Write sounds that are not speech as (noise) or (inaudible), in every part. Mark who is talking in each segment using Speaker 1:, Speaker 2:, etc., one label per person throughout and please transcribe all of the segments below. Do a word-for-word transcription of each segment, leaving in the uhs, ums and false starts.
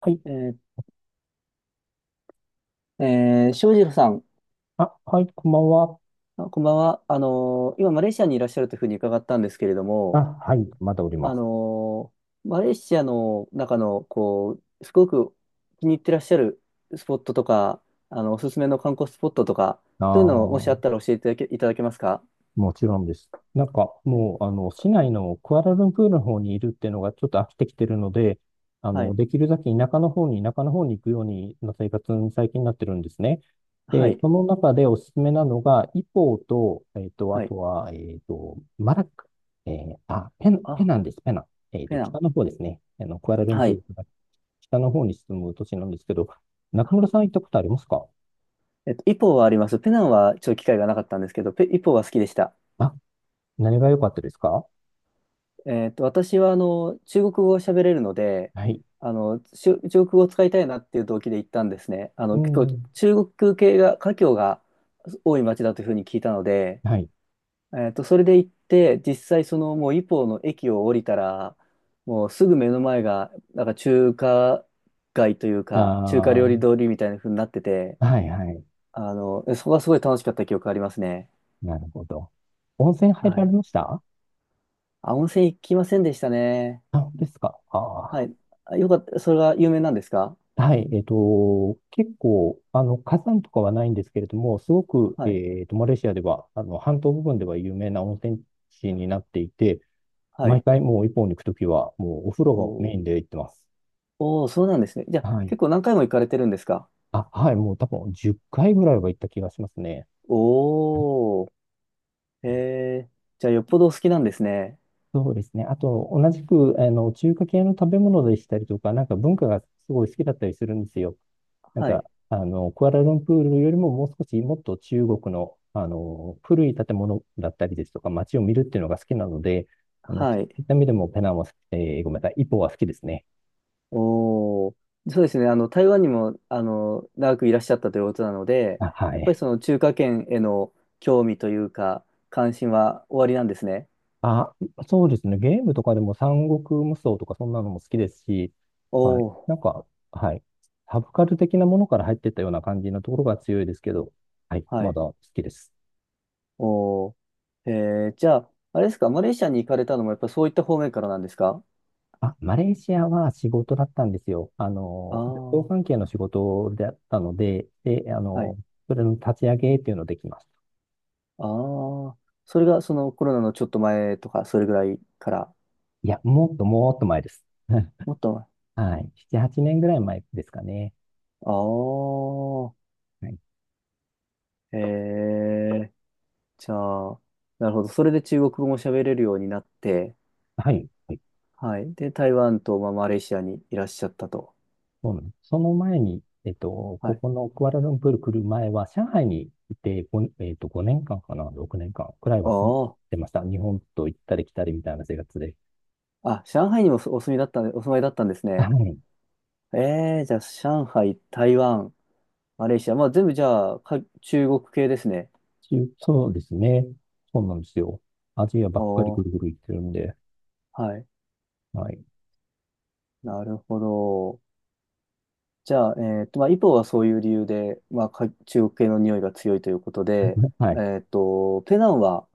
Speaker 1: はい。
Speaker 2: えー、えー、翔士郎さん、
Speaker 1: あ、はい、こんばんは。
Speaker 2: あこんばんは。あのー今、マレーシアにいらっしゃるというふうに伺ったんですけれど
Speaker 1: あ、
Speaker 2: も、
Speaker 1: はい、まだおりま
Speaker 2: あ
Speaker 1: す。
Speaker 2: のーマレーシアの中の、こう、すごく気に入ってらっしゃるスポットとか、あの、おすすめの観光スポットとか、そういうのをもしあ
Speaker 1: ああ、
Speaker 2: ったら教えていただけ、いただけますか？
Speaker 1: もちろんです。なんか、
Speaker 2: はい。
Speaker 1: もう、あの、市内のクアラルンプールの方にいるっていうのがちょっと飽きてきてるので、あ
Speaker 2: は
Speaker 1: の、
Speaker 2: い。
Speaker 1: できるだけ田舎の方に、田舎の方に行くようにな生活に最近なってるんですね。
Speaker 2: は
Speaker 1: で、
Speaker 2: い。
Speaker 1: その中でおすすめなのが、イポーと、えっと、あ
Speaker 2: はい。
Speaker 1: とは、えっと、マラッカ、えーあ、ペナ、ペ
Speaker 2: あ、
Speaker 1: ナンです、ペナン。えっ
Speaker 2: ペ
Speaker 1: と、
Speaker 2: ナン。
Speaker 1: 北の方ですね。あの、クアラルン
Speaker 2: は
Speaker 1: プー
Speaker 2: い。
Speaker 1: ルから北の方に進む都市なんですけど、中村さん行ったことありますか？
Speaker 2: えっと、イポはあります。ペナンはちょっと機会がなかったんですけど、ペ、イポは好きでした。
Speaker 1: あ、何が良かったですか？
Speaker 2: えっと、私はあの中国語を喋れるので、
Speaker 1: はい。
Speaker 2: あのしゅ中国語を使いたいなっていう動機で行ったんですね。あ
Speaker 1: う
Speaker 2: の結構
Speaker 1: ん。
Speaker 2: 中国系が華僑が多い町だというふうに聞いたので、
Speaker 1: はい。
Speaker 2: えっと、それで行って実際そのもうイポーの駅を降りたらもうすぐ目の前がなんか中華街というか中華
Speaker 1: あ
Speaker 2: 料理通りみたいなふうになってて、
Speaker 1: あ、はいはい。
Speaker 2: あのそこがすごい楽しかった記憶がありますね。
Speaker 1: なるほど。温泉入
Speaker 2: は
Speaker 1: られ
Speaker 2: い。
Speaker 1: ました？
Speaker 2: あ、温泉行きませんでしたね。
Speaker 1: あ、本当ですか？
Speaker 2: は
Speaker 1: あ
Speaker 2: い。あよかった。それが有名なんですか？
Speaker 1: あ。はい。えっと、結構、あの、火山とかはないんですけれども、すごく、
Speaker 2: はい。
Speaker 1: えっと、マレーシアでは、あの、半島部分では有名な温泉地になっていて、
Speaker 2: は
Speaker 1: 毎
Speaker 2: い。
Speaker 1: 回もう一本に行くときは、もうお風
Speaker 2: お
Speaker 1: 呂がメイ
Speaker 2: ー
Speaker 1: ンで行ってます。
Speaker 2: おー、そうなんですね。じゃあ、
Speaker 1: はい。
Speaker 2: 結構何回も行かれてるんですか？
Speaker 1: あ、はい。もう多分じゅっかいぐらいは行った気がしますね。
Speaker 2: おー。へえ。じゃあ、よっぽどお好きなんですね。
Speaker 1: そうですね。あと、同じく、あの、中華系の食べ物でしたりとか、なんか文化がすごい好きだったりするんですよ。なん
Speaker 2: は
Speaker 1: か、
Speaker 2: い。
Speaker 1: あの、クアラルンプールよりももう少しもっと中国の、あの、古い建物だったりですとか、街を見るっていうのが好きなので、あの、そ
Speaker 2: はい。
Speaker 1: ういった意味でもペナンは、えーごめんなさい、イポは好きですね。
Speaker 2: おー。そうですね。あの、台湾にも、あの、長くいらっしゃったということなので、
Speaker 1: あ、は
Speaker 2: やっぱ
Speaker 1: い。
Speaker 2: りその中華圏への興味というか、関心はおありなんですね。
Speaker 1: あ、そうですね。ゲームとかでも三国無双とかそんなのも好きですし、
Speaker 2: お
Speaker 1: はい。
Speaker 2: お
Speaker 1: なんか、はい。サブカル的なものから入ってったような感じのところが強いですけど、はい。
Speaker 2: は
Speaker 1: ま
Speaker 2: い。
Speaker 1: だ好きです。
Speaker 2: おー。えー、じゃあ、あれですか、マレーシアに行かれたのも、やっぱそういった方面からなんですか？
Speaker 1: あ、マレーシアは仕事だったんですよ。あ
Speaker 2: あ
Speaker 1: の、
Speaker 2: あ
Speaker 1: 旅行関
Speaker 2: ー。
Speaker 1: 係の仕事だったので、で、あ
Speaker 2: はい、
Speaker 1: の、それの立ち上げっていうのできました。
Speaker 2: ああ、それがそのコロナのちょっと前とか、それぐらいから、
Speaker 1: いや、もっともっと前です。(laughs)
Speaker 2: もっと前。
Speaker 1: はい。なな、はちねんぐらい前ですかね。
Speaker 2: あ
Speaker 1: はい。
Speaker 2: あ、へえ、じゃあ、なるほど。それで中国語も喋れるようになって、
Speaker 1: はい。
Speaker 2: はい。で、台湾と、まあ、マレーシアにいらっしゃったと。
Speaker 1: そうなんです。その前に、えっと、
Speaker 2: は
Speaker 1: こ
Speaker 2: い。
Speaker 1: このクアラルンプール来る前は、上海にいて、ごねえっと、ごねんかんかんかな、ろくねんかんくらいは住ん
Speaker 2: あ
Speaker 1: でました。日本と行ったり来たりみたいな生活で。
Speaker 2: あ、あ、上海にもおお住みだったんで、お住まいだったんです
Speaker 1: は
Speaker 2: ね。
Speaker 1: い。
Speaker 2: ええ、じゃあ、上海、台湾、マレーシア、まあ、全部じゃあ、か中国系ですね。
Speaker 1: 中そうですね。そうなんですよ。アジアばっかり
Speaker 2: お
Speaker 1: ぐるぐ
Speaker 2: ー、
Speaker 1: る行ってるんで。
Speaker 2: はい。
Speaker 1: はい。
Speaker 2: なるほど。じゃあ、えっと、まあ、イポはそういう理由で、まあ、か中国系の匂いが強いということで、
Speaker 1: はい。
Speaker 2: えっと、ペナンは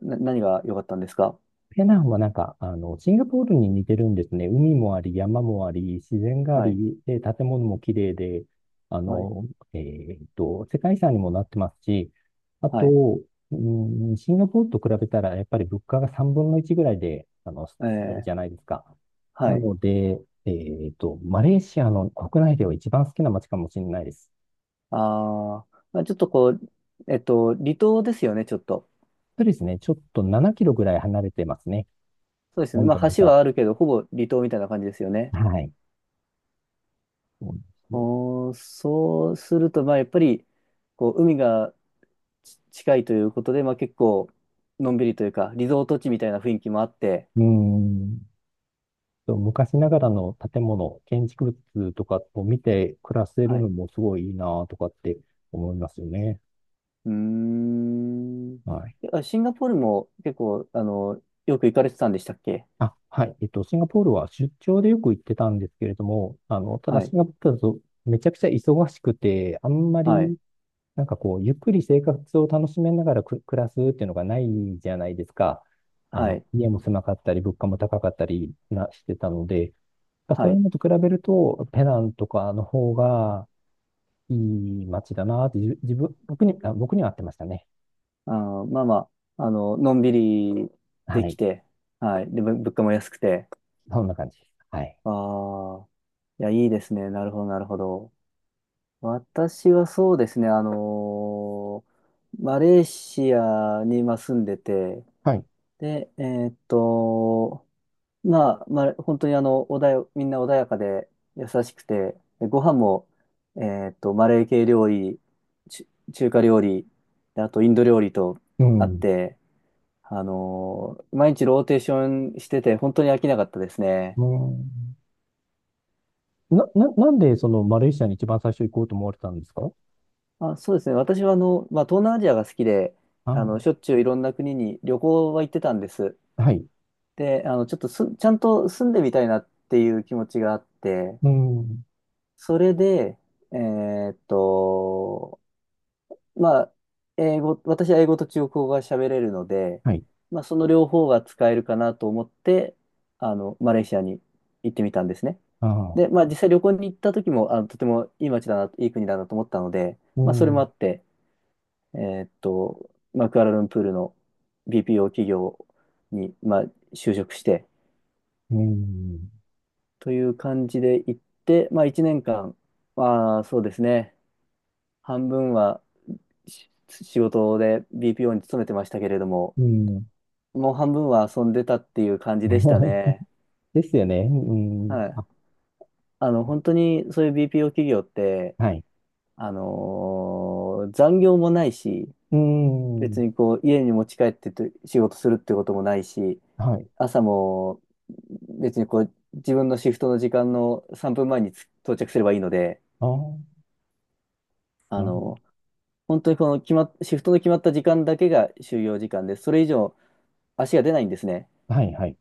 Speaker 2: な何が良かったんですか？
Speaker 1: ペナンはなんか、あの、シンガポールに似てるんですね。海もあり、山もあり、自然があ
Speaker 2: はい、
Speaker 1: り、で、建物も綺麗で、あ
Speaker 2: はい、
Speaker 1: の、えーっと、世界遺産にもなってますし、あ
Speaker 2: はい、
Speaker 1: と、うん、シンガポールと比べたら、やっぱり物価がさんぶんのいちぐらいで、あの、
Speaker 2: え
Speaker 1: あるじ
Speaker 2: ー、
Speaker 1: ゃないですか。
Speaker 2: は
Speaker 1: な
Speaker 2: い。
Speaker 1: ので、えーっと、マレーシアの国内では一番好きな街かもしれないです。
Speaker 2: あー、まあ、ちょっとこう、えっと、離島ですよね、ちょっと。
Speaker 1: そうですね、ちょっとななキロぐらい離れてますね。
Speaker 2: そうですね。
Speaker 1: 本
Speaker 2: ま
Speaker 1: 土の
Speaker 2: あ、
Speaker 1: 方か
Speaker 2: 橋はあ
Speaker 1: ら。
Speaker 2: るけど、ほぼ離島みたいな感じですよね。
Speaker 1: はい。そうなんですよ。
Speaker 2: おー、そうすると、まあ、やっぱり、こう、海がち近いということで、まあ、結構、のんびりというか、リゾート地みたいな雰囲気もあって、
Speaker 1: うーん。そう、昔ながらの建物、建築物とかを見て暮らせ
Speaker 2: は
Speaker 1: るの
Speaker 2: い、
Speaker 1: もすごいいいなとかって思いますよね。
Speaker 2: うーん。
Speaker 1: はい。
Speaker 2: あ、シンガポールも結構、あの、よく行かれてたんでしたっけ？
Speaker 1: あ、はい。えっと、シンガポールは出張でよく行ってたんですけれども、あの、ただ
Speaker 2: は
Speaker 1: シ
Speaker 2: い。
Speaker 1: ンガポールだとめちゃくちゃ忙しくて、あんま
Speaker 2: はい。
Speaker 1: り、なんかこう、ゆっくり生活を楽しめながらく暮らすっていうのがないじゃないですか。あ
Speaker 2: は
Speaker 1: の、
Speaker 2: い。
Speaker 1: 家も狭かったり、物価も高かったりなしてたので、
Speaker 2: は
Speaker 1: そういう
Speaker 2: い。
Speaker 1: のと比べると、ペナンとかの方が、いい街だなーって、じ自分、僕に、あ、僕には合ってましたね。
Speaker 2: あー、まあまあ、あの、のんびり
Speaker 1: は
Speaker 2: でき
Speaker 1: い。
Speaker 2: て、はい。で、ぶ物価も安くて。
Speaker 1: そんな感じ。はい。
Speaker 2: ああ、いや、いいですね。なるほど、なるほど。私はそうですね、あのーマレーシアに今住んでて、
Speaker 1: はい。
Speaker 2: で、えーっと、まあ、まあ、本当にあの、穏や、みんな穏やかで優しくて、でご飯も、えーっと、マレー系料理、ち中華料理、であとインド料理と
Speaker 1: う
Speaker 2: あっ
Speaker 1: ん。
Speaker 2: て、あのー毎日ローテーションしてて、本当に飽きなかったですね。
Speaker 1: うん。な、な、なんでそのマレーシアに一番最初行こうと思われたんですか？
Speaker 2: あ、そうですね。私はあの、まあ、東南アジアが好きで、あ
Speaker 1: あ、
Speaker 2: の、しょっちゅういろんな国に旅行は行ってたんです。
Speaker 1: あ、はい。
Speaker 2: で、あの、ちょっとす、ちゃんと住んでみたいなっていう気持ちがあって、
Speaker 1: うん。
Speaker 2: それで、えーっと、まあ、英語、私は英語と中国語が喋れるので、
Speaker 1: はい。
Speaker 2: まあ、その両方が使えるかなと思って、あの、マレーシアに行ってみたんですね。
Speaker 1: ああ、
Speaker 2: で、まあ、実際旅行に行った時も、あの、とてもいい街だな、いい国だなと思ったので、
Speaker 1: う
Speaker 2: まあ、それも
Speaker 1: ん。
Speaker 2: あって、えーっと、まあ、クアラルンプールの ビーピーオー 企業に、まあ、就職して、
Speaker 1: うん。
Speaker 2: という感じで行って、まあ、いちねんかん、まあ、そうですね、半分はし仕事で ビーピーオー に勤めてましたけれども、
Speaker 1: うん。
Speaker 2: もう半分は遊んでたっていう感じでした
Speaker 1: (laughs)
Speaker 2: ね。
Speaker 1: ですよね。うん。
Speaker 2: はい。
Speaker 1: あ、
Speaker 2: あの、本当にそういう ビーピーオー 企業って、
Speaker 1: はい。
Speaker 2: あのー残業もないし、
Speaker 1: う
Speaker 2: 別
Speaker 1: ん。
Speaker 2: にこう、家に持ち帰ってと仕事するってこともないし、
Speaker 1: はい。
Speaker 2: 朝も別にこう、自分のシフトの時間のさんぷんまえにつ到着すればいいので、
Speaker 1: ああ、
Speaker 2: あ
Speaker 1: なるほ
Speaker 2: の、本当にこの決まっ、シフトの決まった時間だけが就業時間で、それ以上足が出ないんですね。
Speaker 1: ど。はい、はい。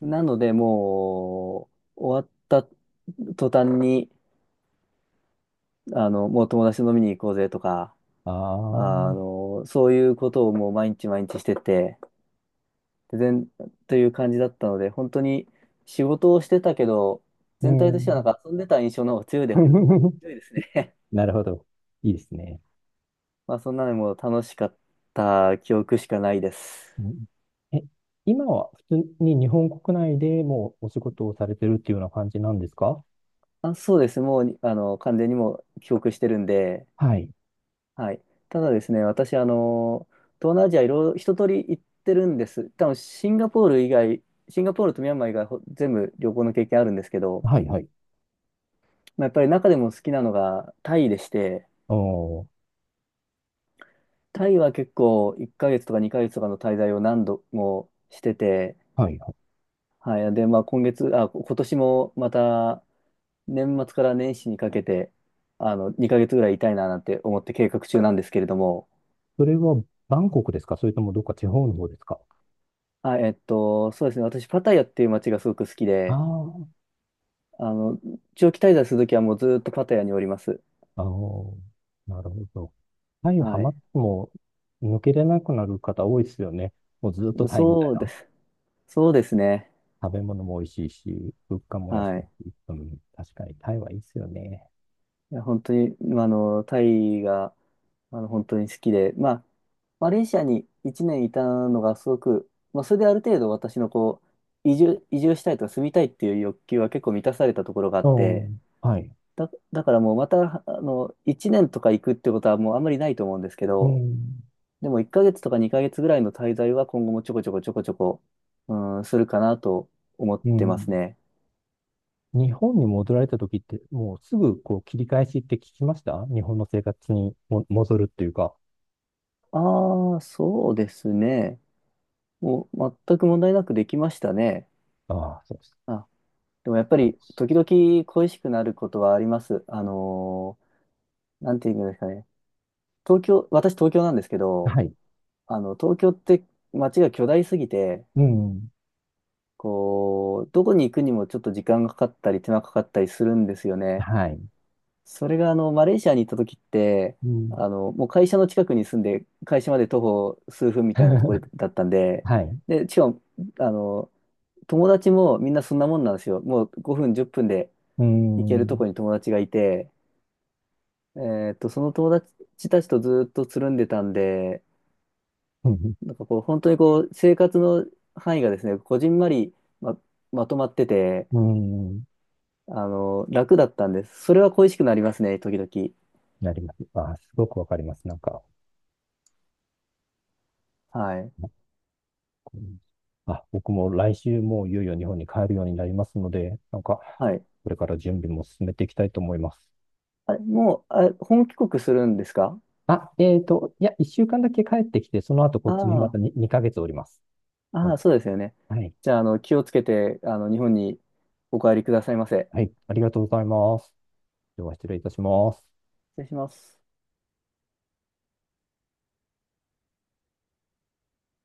Speaker 2: なので、もう、終わった途端に、あの、もう友達と飲みに行こうぜとか、
Speaker 1: ああ、
Speaker 2: あの、そういうことをもう毎日毎日してて、で全、という感じだったので、本当に仕事をしてたけど、
Speaker 1: う
Speaker 2: 全体としてはなん
Speaker 1: ん。
Speaker 2: か遊んでた印象の方が強いで、
Speaker 1: (laughs)
Speaker 2: 強いですね。
Speaker 1: なるほど。いいですね。
Speaker 2: (laughs) まあ、そんなのもう楽しかった記憶しかないです。
Speaker 1: うん。え、今は普通に日本国内でもうお仕事をされてるっていうような感じなんですか？
Speaker 2: あ、そうです。もう、あの、完全にもう記憶してるんで、
Speaker 1: はい。
Speaker 2: はい。ただですね、私、あの、東南アジアいろいろ一通り行ってるんです。多分シンガポール以外、シンガポールとミャンマー以外、ほ全部旅行の経験あるんですけど、
Speaker 1: はい、はい。
Speaker 2: まあ、やっぱり中でも好きなのがタイでして、
Speaker 1: おー、
Speaker 2: タイは結構いっかげつとかにかげつとかの滞在を何度もしてて、
Speaker 1: はい、はい。
Speaker 2: はい。で、まあ今月、あ、今年もまた年末から年始にかけて、あの、にかげつぐらいいたいななんて思って計画中なんですけれども、
Speaker 1: それはバンコクですか？それともどっか地方の方ですか？
Speaker 2: あ、えっと、そうですね。私、パタヤっていう街がすごく好き
Speaker 1: あ
Speaker 2: で、
Speaker 1: あ、
Speaker 2: あの、長期滞在するときはもうずっとパタヤにおります。
Speaker 1: あー、なるほど。タイハ
Speaker 2: は
Speaker 1: マっ
Speaker 2: い。
Speaker 1: ても抜けれなくなる方多いですよね。もうずっとタイみたい
Speaker 2: そうで
Speaker 1: な。
Speaker 2: す。そうですね。
Speaker 1: 食べ物も美味しいし、物価も安
Speaker 2: は
Speaker 1: い
Speaker 2: い。
Speaker 1: し、うん、確かにタイはいいですよね。
Speaker 2: いや、本当に、まあの、タイが、まあの、本当に好きで、まあ、マレーシアにいちねんいたのがすごく、まあ、それである程度私のこう、移住、移住したいとか住みたいっていう欲求は結構満たされたところがあっ
Speaker 1: お、
Speaker 2: て、
Speaker 1: はい。
Speaker 2: だ、だからもうまた、あの、いちねんとか行くってことはもうあんまりないと思うんですけ
Speaker 1: う
Speaker 2: ど、
Speaker 1: ん、
Speaker 2: でもいっかげつとかにかげつぐらいの滞在は今後もちょこちょこちょこちょこ、うん、するかなと思っ
Speaker 1: う
Speaker 2: てます
Speaker 1: ん。
Speaker 2: ね。
Speaker 1: 日本に戻られた時って、もうすぐこう切り返しって聞きました、日本の生活にも戻るっていうか。
Speaker 2: ああ、そうですね。もう全く問題なくできましたね。
Speaker 1: ああ、そうです。
Speaker 2: あ、でもやっぱり時々恋しくなることはあります。あのーなんていうんですかね。東京、私東京なんですけど、
Speaker 1: はい。
Speaker 2: あの、東京って街が巨大すぎて、
Speaker 1: うん。
Speaker 2: こう、どこに行くにもちょっと時間がかかったり手間かかったりするんですよね。
Speaker 1: はい。
Speaker 2: それがあのマレーシアに行った時って
Speaker 1: うん。
Speaker 2: あのもう会社の近くに住んで会社まで徒歩数分みたいなところ
Speaker 1: (laughs)
Speaker 2: だったんで、
Speaker 1: はい。
Speaker 2: でしかもあの友達もみんなそんなもんなんですよ、もうごふんじゅっぷんで
Speaker 1: う
Speaker 2: 行け
Speaker 1: ん。
Speaker 2: る
Speaker 1: う
Speaker 2: とこに友達がいて、えーっとその友達たちとずっとつるんでたんで、
Speaker 1: ん。
Speaker 2: なんかこう本当にこう生活の範囲がですねこじんまりま、まとまってて、
Speaker 1: うん。
Speaker 2: あの楽だったんです、それは恋しくなりますね時々、
Speaker 1: なります。ああ、すごくわかります。なんか、
Speaker 2: はい、
Speaker 1: あ、僕も来週もういよいよ日本に帰るようになりますので、なんか、
Speaker 2: はい、
Speaker 1: これから準備も進めていきたいと思います。
Speaker 2: あ、もう、あ、本帰国するんですか？
Speaker 1: あ、えっと、いや、一週間だけ帰ってきて、その後こ
Speaker 2: あ
Speaker 1: っちにま
Speaker 2: あ、
Speaker 1: たにに、ヶ月おります。う
Speaker 2: あ
Speaker 1: ん。
Speaker 2: あ、そうですよね。
Speaker 1: はい。
Speaker 2: じゃあ、あの、気をつけて、あの、日本にお帰りくださいませ。
Speaker 1: はい、ありがとうございます。では失礼いたします。
Speaker 2: 失礼します。